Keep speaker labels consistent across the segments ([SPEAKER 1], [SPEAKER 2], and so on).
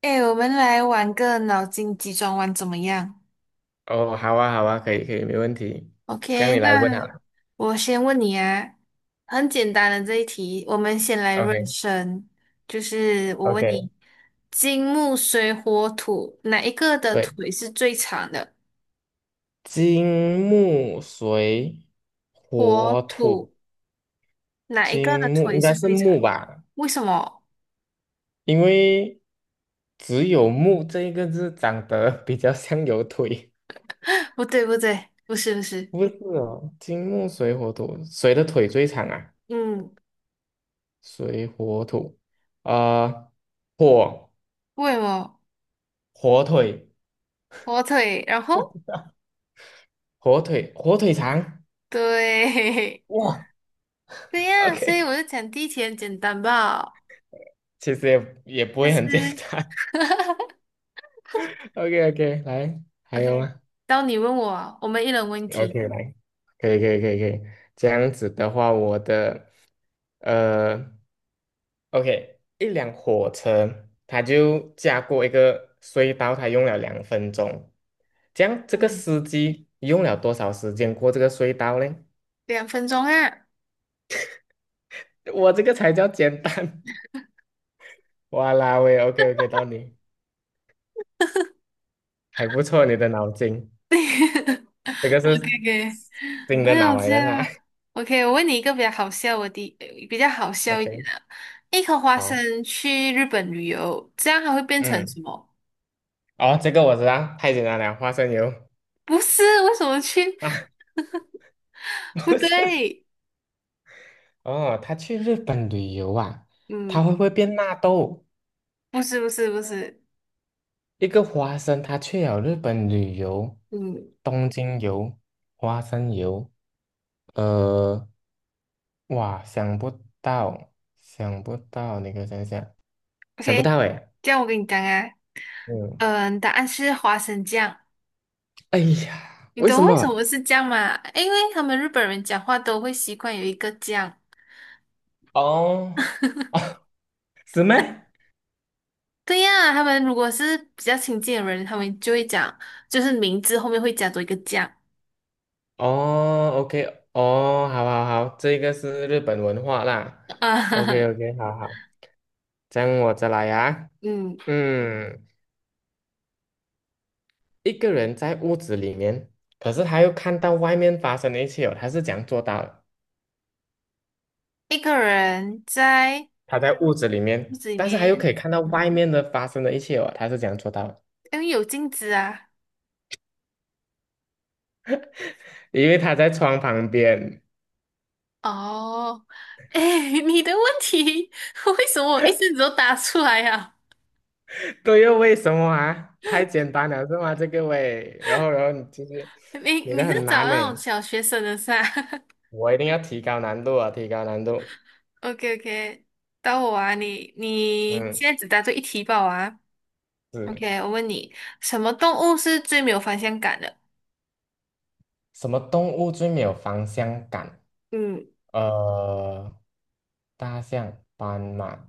[SPEAKER 1] 哎，我们来玩个脑筋急转弯怎么样
[SPEAKER 2] 哦，好啊，好啊，可以，可以，没问题。这样
[SPEAKER 1] ？OK，
[SPEAKER 2] 你来问
[SPEAKER 1] 那
[SPEAKER 2] 好了。
[SPEAKER 1] 我先问你啊，很简单的这一题，我们先来热身，就是我问
[SPEAKER 2] OK，OK，
[SPEAKER 1] 你，金木水火土哪一个的
[SPEAKER 2] 对，
[SPEAKER 1] 腿是最长的？
[SPEAKER 2] 金木水火
[SPEAKER 1] 火
[SPEAKER 2] 土，
[SPEAKER 1] 土哪一个的
[SPEAKER 2] 金木
[SPEAKER 1] 腿
[SPEAKER 2] 应该
[SPEAKER 1] 是
[SPEAKER 2] 是
[SPEAKER 1] 最长？
[SPEAKER 2] 木吧，
[SPEAKER 1] 为什么？
[SPEAKER 2] 因为只有木这一个字长得 比较像有腿，
[SPEAKER 1] 不对，不对，不是，不是，
[SPEAKER 2] 不是哦，金木水火土，谁的腿最长啊？
[SPEAKER 1] 嗯，
[SPEAKER 2] 水火土，呃，火
[SPEAKER 1] 为什么？
[SPEAKER 2] 火腿，
[SPEAKER 1] 火腿，然后
[SPEAKER 2] 火腿，火腿肠。
[SPEAKER 1] 对，
[SPEAKER 2] 哇，
[SPEAKER 1] 对呀，所以
[SPEAKER 2] OK，
[SPEAKER 1] 我就讲第一题很简单吧。
[SPEAKER 2] 其实也不会
[SPEAKER 1] 思
[SPEAKER 2] 很简
[SPEAKER 1] 思
[SPEAKER 2] 单。OK OK，来，还有
[SPEAKER 1] ，OK，
[SPEAKER 2] 吗
[SPEAKER 1] 到你问我啊我们一人问一题，
[SPEAKER 2] ？OK，来，可以可以可以可以。这样子的话，我的呃，OK，一辆火车，它就驾过一个隧道，它用了2分钟。这样这个
[SPEAKER 1] 嗯，
[SPEAKER 2] 司机用了多少时间过这个隧道呢？
[SPEAKER 1] 2分钟啊
[SPEAKER 2] 我这个才叫简单。哇啦喂，OK OK，到你，还不错，你的脑筋，这个是
[SPEAKER 1] ，OK OK，
[SPEAKER 2] 新
[SPEAKER 1] 没
[SPEAKER 2] 的脑
[SPEAKER 1] 有
[SPEAKER 2] 来
[SPEAKER 1] 这
[SPEAKER 2] 的是吧
[SPEAKER 1] o k 我问你一个比较好笑的比较好 笑一点
[SPEAKER 2] ？OK，
[SPEAKER 1] 的，一颗花生
[SPEAKER 2] 好，
[SPEAKER 1] 去日本旅游，这样还会变成
[SPEAKER 2] 嗯。
[SPEAKER 1] 什么？
[SPEAKER 2] 哦，这个我知道，太简单了，花生油。
[SPEAKER 1] 不是，为什么去？不 对，
[SPEAKER 2] 哦，他去日本旅游啊，他
[SPEAKER 1] 嗯，
[SPEAKER 2] 会不会变纳豆？
[SPEAKER 1] 不是不是不是，
[SPEAKER 2] 一个花生，他去了日本旅游，
[SPEAKER 1] 嗯
[SPEAKER 2] 东京游，花生油，呃，哇，想不到，想不到，你给我想想，想不
[SPEAKER 1] ，OK，
[SPEAKER 2] 到诶，
[SPEAKER 1] 这样我跟你讲啊，
[SPEAKER 2] 嗯，
[SPEAKER 1] 嗯，答案是花生酱。
[SPEAKER 2] 哎呀，
[SPEAKER 1] 你
[SPEAKER 2] 为什
[SPEAKER 1] 懂为什么
[SPEAKER 2] 么？
[SPEAKER 1] 是这样吗？因为他们日本人讲话都会习惯有一个这样。
[SPEAKER 2] 哦，是咩？
[SPEAKER 1] 对呀，他们如果是比较亲近的人，他们就会讲，就是名字后面会加多一个这样。
[SPEAKER 2] 哦，OK，哦，好好好，这个是日本文化啦。o k
[SPEAKER 1] 啊，
[SPEAKER 2] o k 好好，这样我再来啊。
[SPEAKER 1] 嗯，
[SPEAKER 2] 嗯，一个人在屋子里面，可是他又看到外面发生的一切哦，他是怎样做到的？
[SPEAKER 1] 一个人在
[SPEAKER 2] 他在屋子里
[SPEAKER 1] 屋
[SPEAKER 2] 面，
[SPEAKER 1] 子里
[SPEAKER 2] 但是他又
[SPEAKER 1] 面，
[SPEAKER 2] 可以看到外面的发生的一切哦，他是怎样做到的？
[SPEAKER 1] 因为有镜子啊。
[SPEAKER 2] 因为他在窗旁边。
[SPEAKER 1] 哦，哎，你的问题 为什么我一直都答出来呀、
[SPEAKER 2] 对又为什么啊？太简单了是吗？这个喂，然后你其实
[SPEAKER 1] 你
[SPEAKER 2] 你的
[SPEAKER 1] 你是
[SPEAKER 2] 很
[SPEAKER 1] 找
[SPEAKER 2] 难呢，
[SPEAKER 1] 那种小学生的是吧
[SPEAKER 2] 我一定要提高难度啊，提高难度。
[SPEAKER 1] o k o k 到我啊，你
[SPEAKER 2] 嗯，
[SPEAKER 1] 现在只答对一题吧我啊。
[SPEAKER 2] 是
[SPEAKER 1] OK，我问你，什么动物是最没有方向感的？
[SPEAKER 2] 什么动物最没有方向感？
[SPEAKER 1] 嗯，
[SPEAKER 2] 呃，大象、斑马，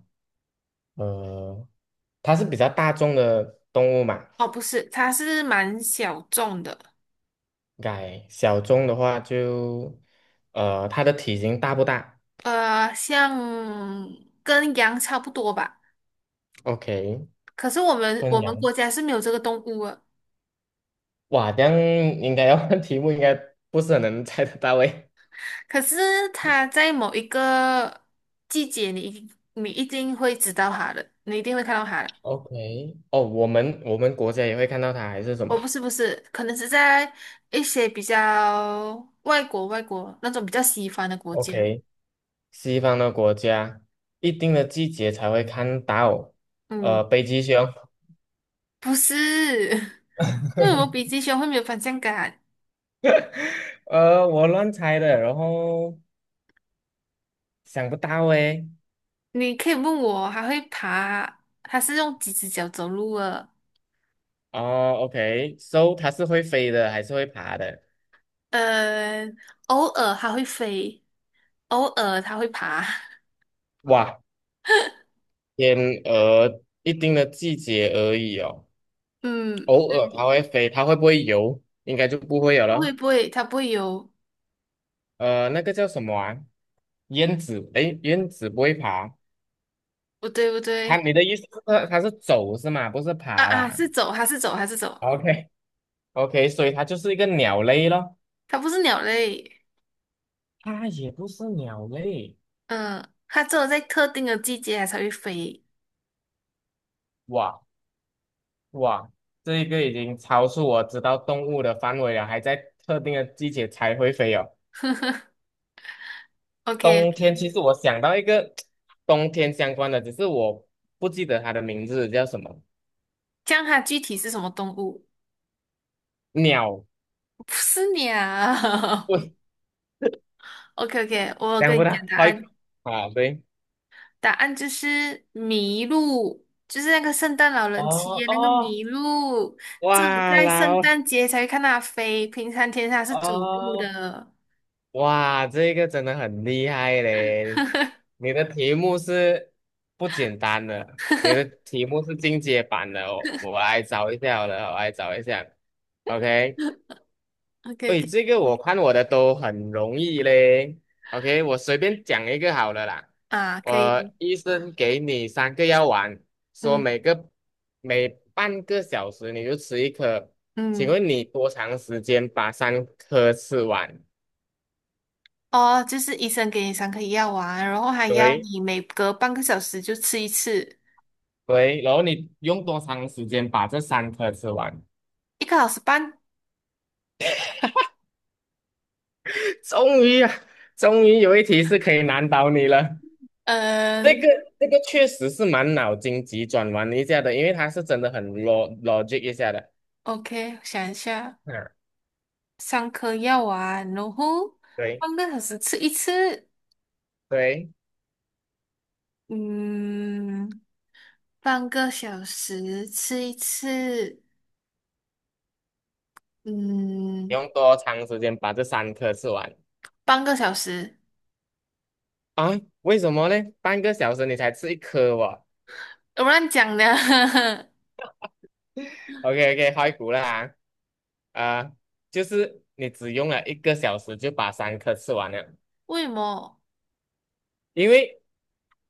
[SPEAKER 2] 呃，它是比较大众的动物嘛，
[SPEAKER 1] 哦，不是，它是蛮小众的，
[SPEAKER 2] 改小众的话就，它的体型大不大
[SPEAKER 1] 呃，像跟羊差不多吧。
[SPEAKER 2] ？OK，
[SPEAKER 1] 可是我们我
[SPEAKER 2] 昆
[SPEAKER 1] 们
[SPEAKER 2] 羊，
[SPEAKER 1] 国家是没有这个动物的。
[SPEAKER 2] 哇，这样应该要看 题目，应该不是很能猜得到诶。
[SPEAKER 1] 可是它在某一个季节你，一你一定会知道它的，你一定会看到它的。
[SPEAKER 2] OK，哦，我们国家也会看到它，还是什
[SPEAKER 1] 哦，不
[SPEAKER 2] 么
[SPEAKER 1] 是不是，可能是在一些比较外国那种比较西方的国家。
[SPEAKER 2] ？OK，西方的国家一定的季节才会看到，
[SPEAKER 1] 嗯。
[SPEAKER 2] 北极熊，
[SPEAKER 1] 不是，因为我比 鸡胸会没有方向感。
[SPEAKER 2] 我乱猜的，然后想不到诶。
[SPEAKER 1] 你可以问我，还会爬，它是用几只脚走路的？
[SPEAKER 2] 哦，OK，so 它是会飞的还是会爬的？
[SPEAKER 1] 呃，偶尔它会飞，偶尔它会爬。
[SPEAKER 2] 哇，天鹅一定的季节而已哦，
[SPEAKER 1] 嗯，
[SPEAKER 2] 偶尔它会飞，它会不会游？应该就不会有
[SPEAKER 1] 不会
[SPEAKER 2] 了。
[SPEAKER 1] 不会，它不会游。
[SPEAKER 2] 那个叫什么啊？燕子，诶，燕子不会爬。
[SPEAKER 1] 不对不对，
[SPEAKER 2] 你的意思是它是走是吗？不是
[SPEAKER 1] 啊
[SPEAKER 2] 爬
[SPEAKER 1] 啊，
[SPEAKER 2] 啦。
[SPEAKER 1] 是走，它是走，它是走，
[SPEAKER 2] OK OK，所以它就是一个鸟类咯，
[SPEAKER 1] 它不是鸟类。
[SPEAKER 2] 它也不是鸟类，
[SPEAKER 1] 嗯，它只有在特定的季节它才会飞。
[SPEAKER 2] 哇哇，这一个已经超出我知道动物的范围了，还在特定的季节才会飞哦。
[SPEAKER 1] OK
[SPEAKER 2] 冬天
[SPEAKER 1] OK，
[SPEAKER 2] 其实我想到一个 冬天相关的，只是我不记得它的名字叫什么
[SPEAKER 1] 这样它具体是什么动物？
[SPEAKER 2] 鸟，
[SPEAKER 1] 不是鸟。
[SPEAKER 2] 喂，
[SPEAKER 1] OK OK，我有
[SPEAKER 2] 想
[SPEAKER 1] 跟
[SPEAKER 2] 不
[SPEAKER 1] 你
[SPEAKER 2] 到，
[SPEAKER 1] 讲答
[SPEAKER 2] 好
[SPEAKER 1] 案。
[SPEAKER 2] 啊，对，
[SPEAKER 1] 答案就是麋鹿，就是那个圣诞老人骑
[SPEAKER 2] 哦
[SPEAKER 1] 的那个
[SPEAKER 2] 哦，
[SPEAKER 1] 麋鹿，只有
[SPEAKER 2] 哇，
[SPEAKER 1] 在圣
[SPEAKER 2] 老
[SPEAKER 1] 诞节才会看它飞，平常天它是走路
[SPEAKER 2] 哦。
[SPEAKER 1] 的。
[SPEAKER 2] 哇，这个真的很厉害嘞！你的题目是不简单的，你的题目是进阶版的哦。我来找一下好了，我来找一下。OK，
[SPEAKER 1] OK OK
[SPEAKER 2] 喂，这个我看我的都很容易嘞。OK，我随便讲一个好了啦。
[SPEAKER 1] 啊，可
[SPEAKER 2] 我
[SPEAKER 1] 以，
[SPEAKER 2] 医生给你3个药丸，说
[SPEAKER 1] 嗯
[SPEAKER 2] 每半个小时你就吃一颗，请
[SPEAKER 1] 嗯，
[SPEAKER 2] 问你多长时间把三颗吃完？
[SPEAKER 1] 哦，就是医生给你三颗药丸，然后还要
[SPEAKER 2] 对。
[SPEAKER 1] 你每隔半个小时就吃一次，
[SPEAKER 2] 对，然后你用多长时间把这三颗吃完？
[SPEAKER 1] 一个小时半。
[SPEAKER 2] 终于啊，终于有一题是可以难倒你了。这
[SPEAKER 1] 嗯
[SPEAKER 2] 个这个确实是蛮脑筋急转弯一下的，因为它是真的很 logic 一下的。
[SPEAKER 1] ，OK，想一下，
[SPEAKER 2] 嗯，
[SPEAKER 1] 三颗药丸，然后
[SPEAKER 2] 对
[SPEAKER 1] 半个小时吃一次。
[SPEAKER 2] 对，
[SPEAKER 1] 嗯，半个小时吃一次，嗯，
[SPEAKER 2] 用多长时间把这三颗吃完
[SPEAKER 1] 半个小时，
[SPEAKER 2] 啊？为什么呢？半个小时你才吃一颗哦。
[SPEAKER 1] 我乱讲的，
[SPEAKER 2] OK OK，开估了啊。啊，就是你只用了1个小时就把三颗吃完了，
[SPEAKER 1] 为什么？
[SPEAKER 2] 因为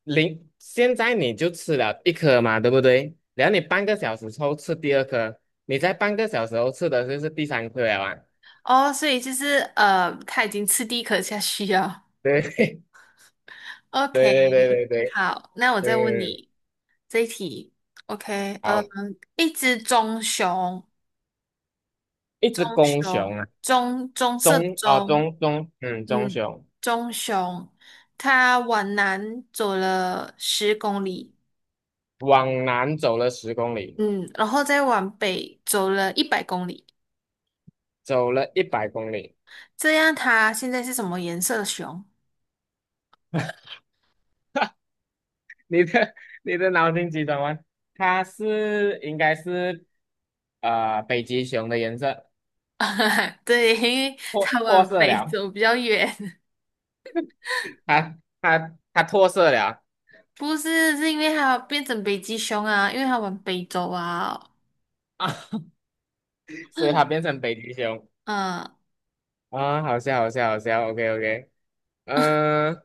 [SPEAKER 2] 零，现在你就吃了一颗嘛，对不对？然后你半个小时后吃第二颗，你在半个小时后吃的就是第三颗了啊。
[SPEAKER 1] 哦，所以就是他已经吃第一颗下去了。
[SPEAKER 2] 对 对对
[SPEAKER 1] OK，
[SPEAKER 2] 对对对，
[SPEAKER 1] 好，那我再问
[SPEAKER 2] 嗯，
[SPEAKER 1] 你这一题。OK，
[SPEAKER 2] 好，
[SPEAKER 1] 一只棕熊，
[SPEAKER 2] 一
[SPEAKER 1] 棕
[SPEAKER 2] 只公
[SPEAKER 1] 熊，
[SPEAKER 2] 熊啊，
[SPEAKER 1] 棕色的
[SPEAKER 2] 中哦
[SPEAKER 1] 棕，
[SPEAKER 2] 中中，嗯，中
[SPEAKER 1] 嗯，
[SPEAKER 2] 熊
[SPEAKER 1] 棕熊，它往南走了10公里。
[SPEAKER 2] 往南走了10公里，
[SPEAKER 1] 嗯，然后再往北走了100公里，
[SPEAKER 2] 走了100公里。
[SPEAKER 1] 这样它现在是什么颜色的熊？
[SPEAKER 2] 你的你的脑筋急转弯，它是应该是北极熊的颜色
[SPEAKER 1] 对，因为
[SPEAKER 2] 脱
[SPEAKER 1] 它
[SPEAKER 2] 脱
[SPEAKER 1] 往
[SPEAKER 2] 色
[SPEAKER 1] 北
[SPEAKER 2] 了，
[SPEAKER 1] 走比较远，
[SPEAKER 2] 它脱色了。
[SPEAKER 1] 不是，是因为它变成北极熊啊，因为它往北走啊。
[SPEAKER 2] 啊，所以它变成北极熊
[SPEAKER 1] 嗯，
[SPEAKER 2] 啊，好笑，好笑，好笑，OK OK，嗯，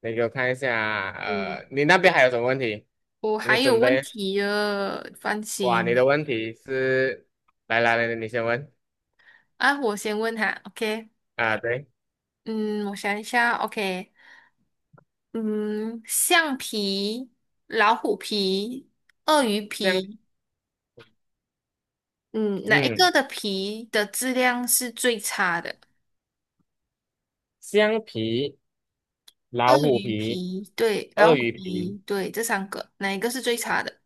[SPEAKER 2] 你给我看一下啊
[SPEAKER 1] 嗯，
[SPEAKER 2] 呃，你那边还有什么问题？
[SPEAKER 1] 我
[SPEAKER 2] 你
[SPEAKER 1] 还有
[SPEAKER 2] 准
[SPEAKER 1] 问
[SPEAKER 2] 备，
[SPEAKER 1] 题了，放
[SPEAKER 2] 哇，你
[SPEAKER 1] 心
[SPEAKER 2] 的问题是，来来来，你先问
[SPEAKER 1] 啊，我先问他，OK？
[SPEAKER 2] 啊，对，
[SPEAKER 1] 嗯，我想一下，OK？嗯，橡皮、老虎皮、鳄鱼
[SPEAKER 2] 橡，
[SPEAKER 1] 皮嗯，哪一个
[SPEAKER 2] 嗯，
[SPEAKER 1] 的皮的质量是最差的？
[SPEAKER 2] 橡皮、老
[SPEAKER 1] 鳄
[SPEAKER 2] 虎
[SPEAKER 1] 鱼
[SPEAKER 2] 皮、
[SPEAKER 1] 皮，对，老
[SPEAKER 2] 鳄
[SPEAKER 1] 虎
[SPEAKER 2] 鱼皮，
[SPEAKER 1] 皮，对，这三个，哪一个是最差的？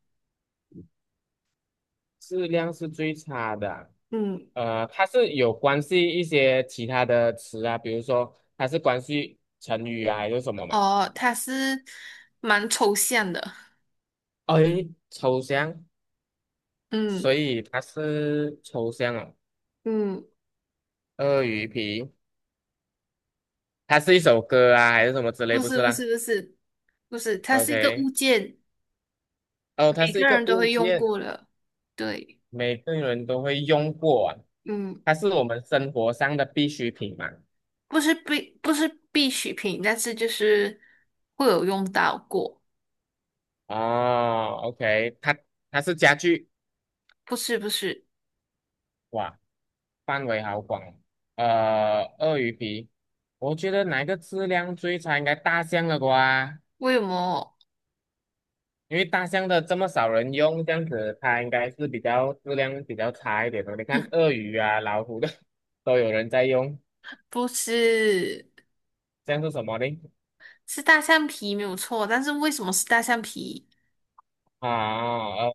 [SPEAKER 2] 质量是最差的啊
[SPEAKER 1] 嗯，
[SPEAKER 2] 呃，它是有关系一些其他的词啊，比如说它是关系成语啊，还是什么嘛？
[SPEAKER 1] 哦，它是蛮抽象的。
[SPEAKER 2] 哎，抽象。所
[SPEAKER 1] 嗯
[SPEAKER 2] 以它是抽象哦，
[SPEAKER 1] 嗯，
[SPEAKER 2] 鳄鱼皮，它是一首歌啊，还是什么之类？
[SPEAKER 1] 不
[SPEAKER 2] 不
[SPEAKER 1] 是
[SPEAKER 2] 是
[SPEAKER 1] 不
[SPEAKER 2] 啦
[SPEAKER 1] 是不是不是，它是一个物
[SPEAKER 2] ，OK，
[SPEAKER 1] 件，
[SPEAKER 2] 哦，它
[SPEAKER 1] 每
[SPEAKER 2] 是一
[SPEAKER 1] 个
[SPEAKER 2] 个
[SPEAKER 1] 人都
[SPEAKER 2] 物
[SPEAKER 1] 会用
[SPEAKER 2] 件，
[SPEAKER 1] 过的。对，
[SPEAKER 2] 每个人都会用过啊
[SPEAKER 1] 嗯，
[SPEAKER 2] 它是我们生活上的必需品嘛。
[SPEAKER 1] 不是必需品，但是就是会有用到过。
[SPEAKER 2] 哦，OK，它是家具，
[SPEAKER 1] 不是不是，
[SPEAKER 2] 哇，范围好广哦。鳄鱼皮，我觉得哪一个质量最差？应该大象了瓜。
[SPEAKER 1] 为什么
[SPEAKER 2] 因为大象的这么少人用，这样子它应该是比较质量比较差一点的。你看鳄鱼啊、老虎的 都有人在用，
[SPEAKER 1] 不是？
[SPEAKER 2] 这样是什么呢？
[SPEAKER 1] 是大象皮没有错，但是为什么是大象皮？
[SPEAKER 2] 啊，呃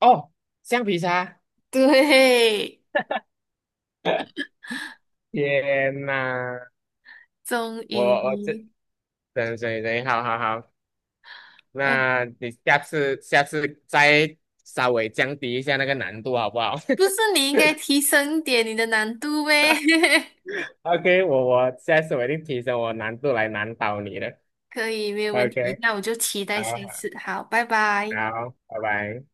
[SPEAKER 2] 哦，橡皮擦。
[SPEAKER 1] 对，
[SPEAKER 2] 天呐，
[SPEAKER 1] 终
[SPEAKER 2] 我这
[SPEAKER 1] 于，
[SPEAKER 2] 等等等，好好好，
[SPEAKER 1] 嗯、
[SPEAKER 2] 那你下次再稍微降低一下那个难度好不好
[SPEAKER 1] 不是你应该提升一点你的难度呗？
[SPEAKER 2] ？OK，我下次我一定提升我难度来难倒你的。
[SPEAKER 1] 可以，没有问题。
[SPEAKER 2] OK，
[SPEAKER 1] 那我就期
[SPEAKER 2] 好
[SPEAKER 1] 待下次。好，拜拜。
[SPEAKER 2] 好，好拜拜。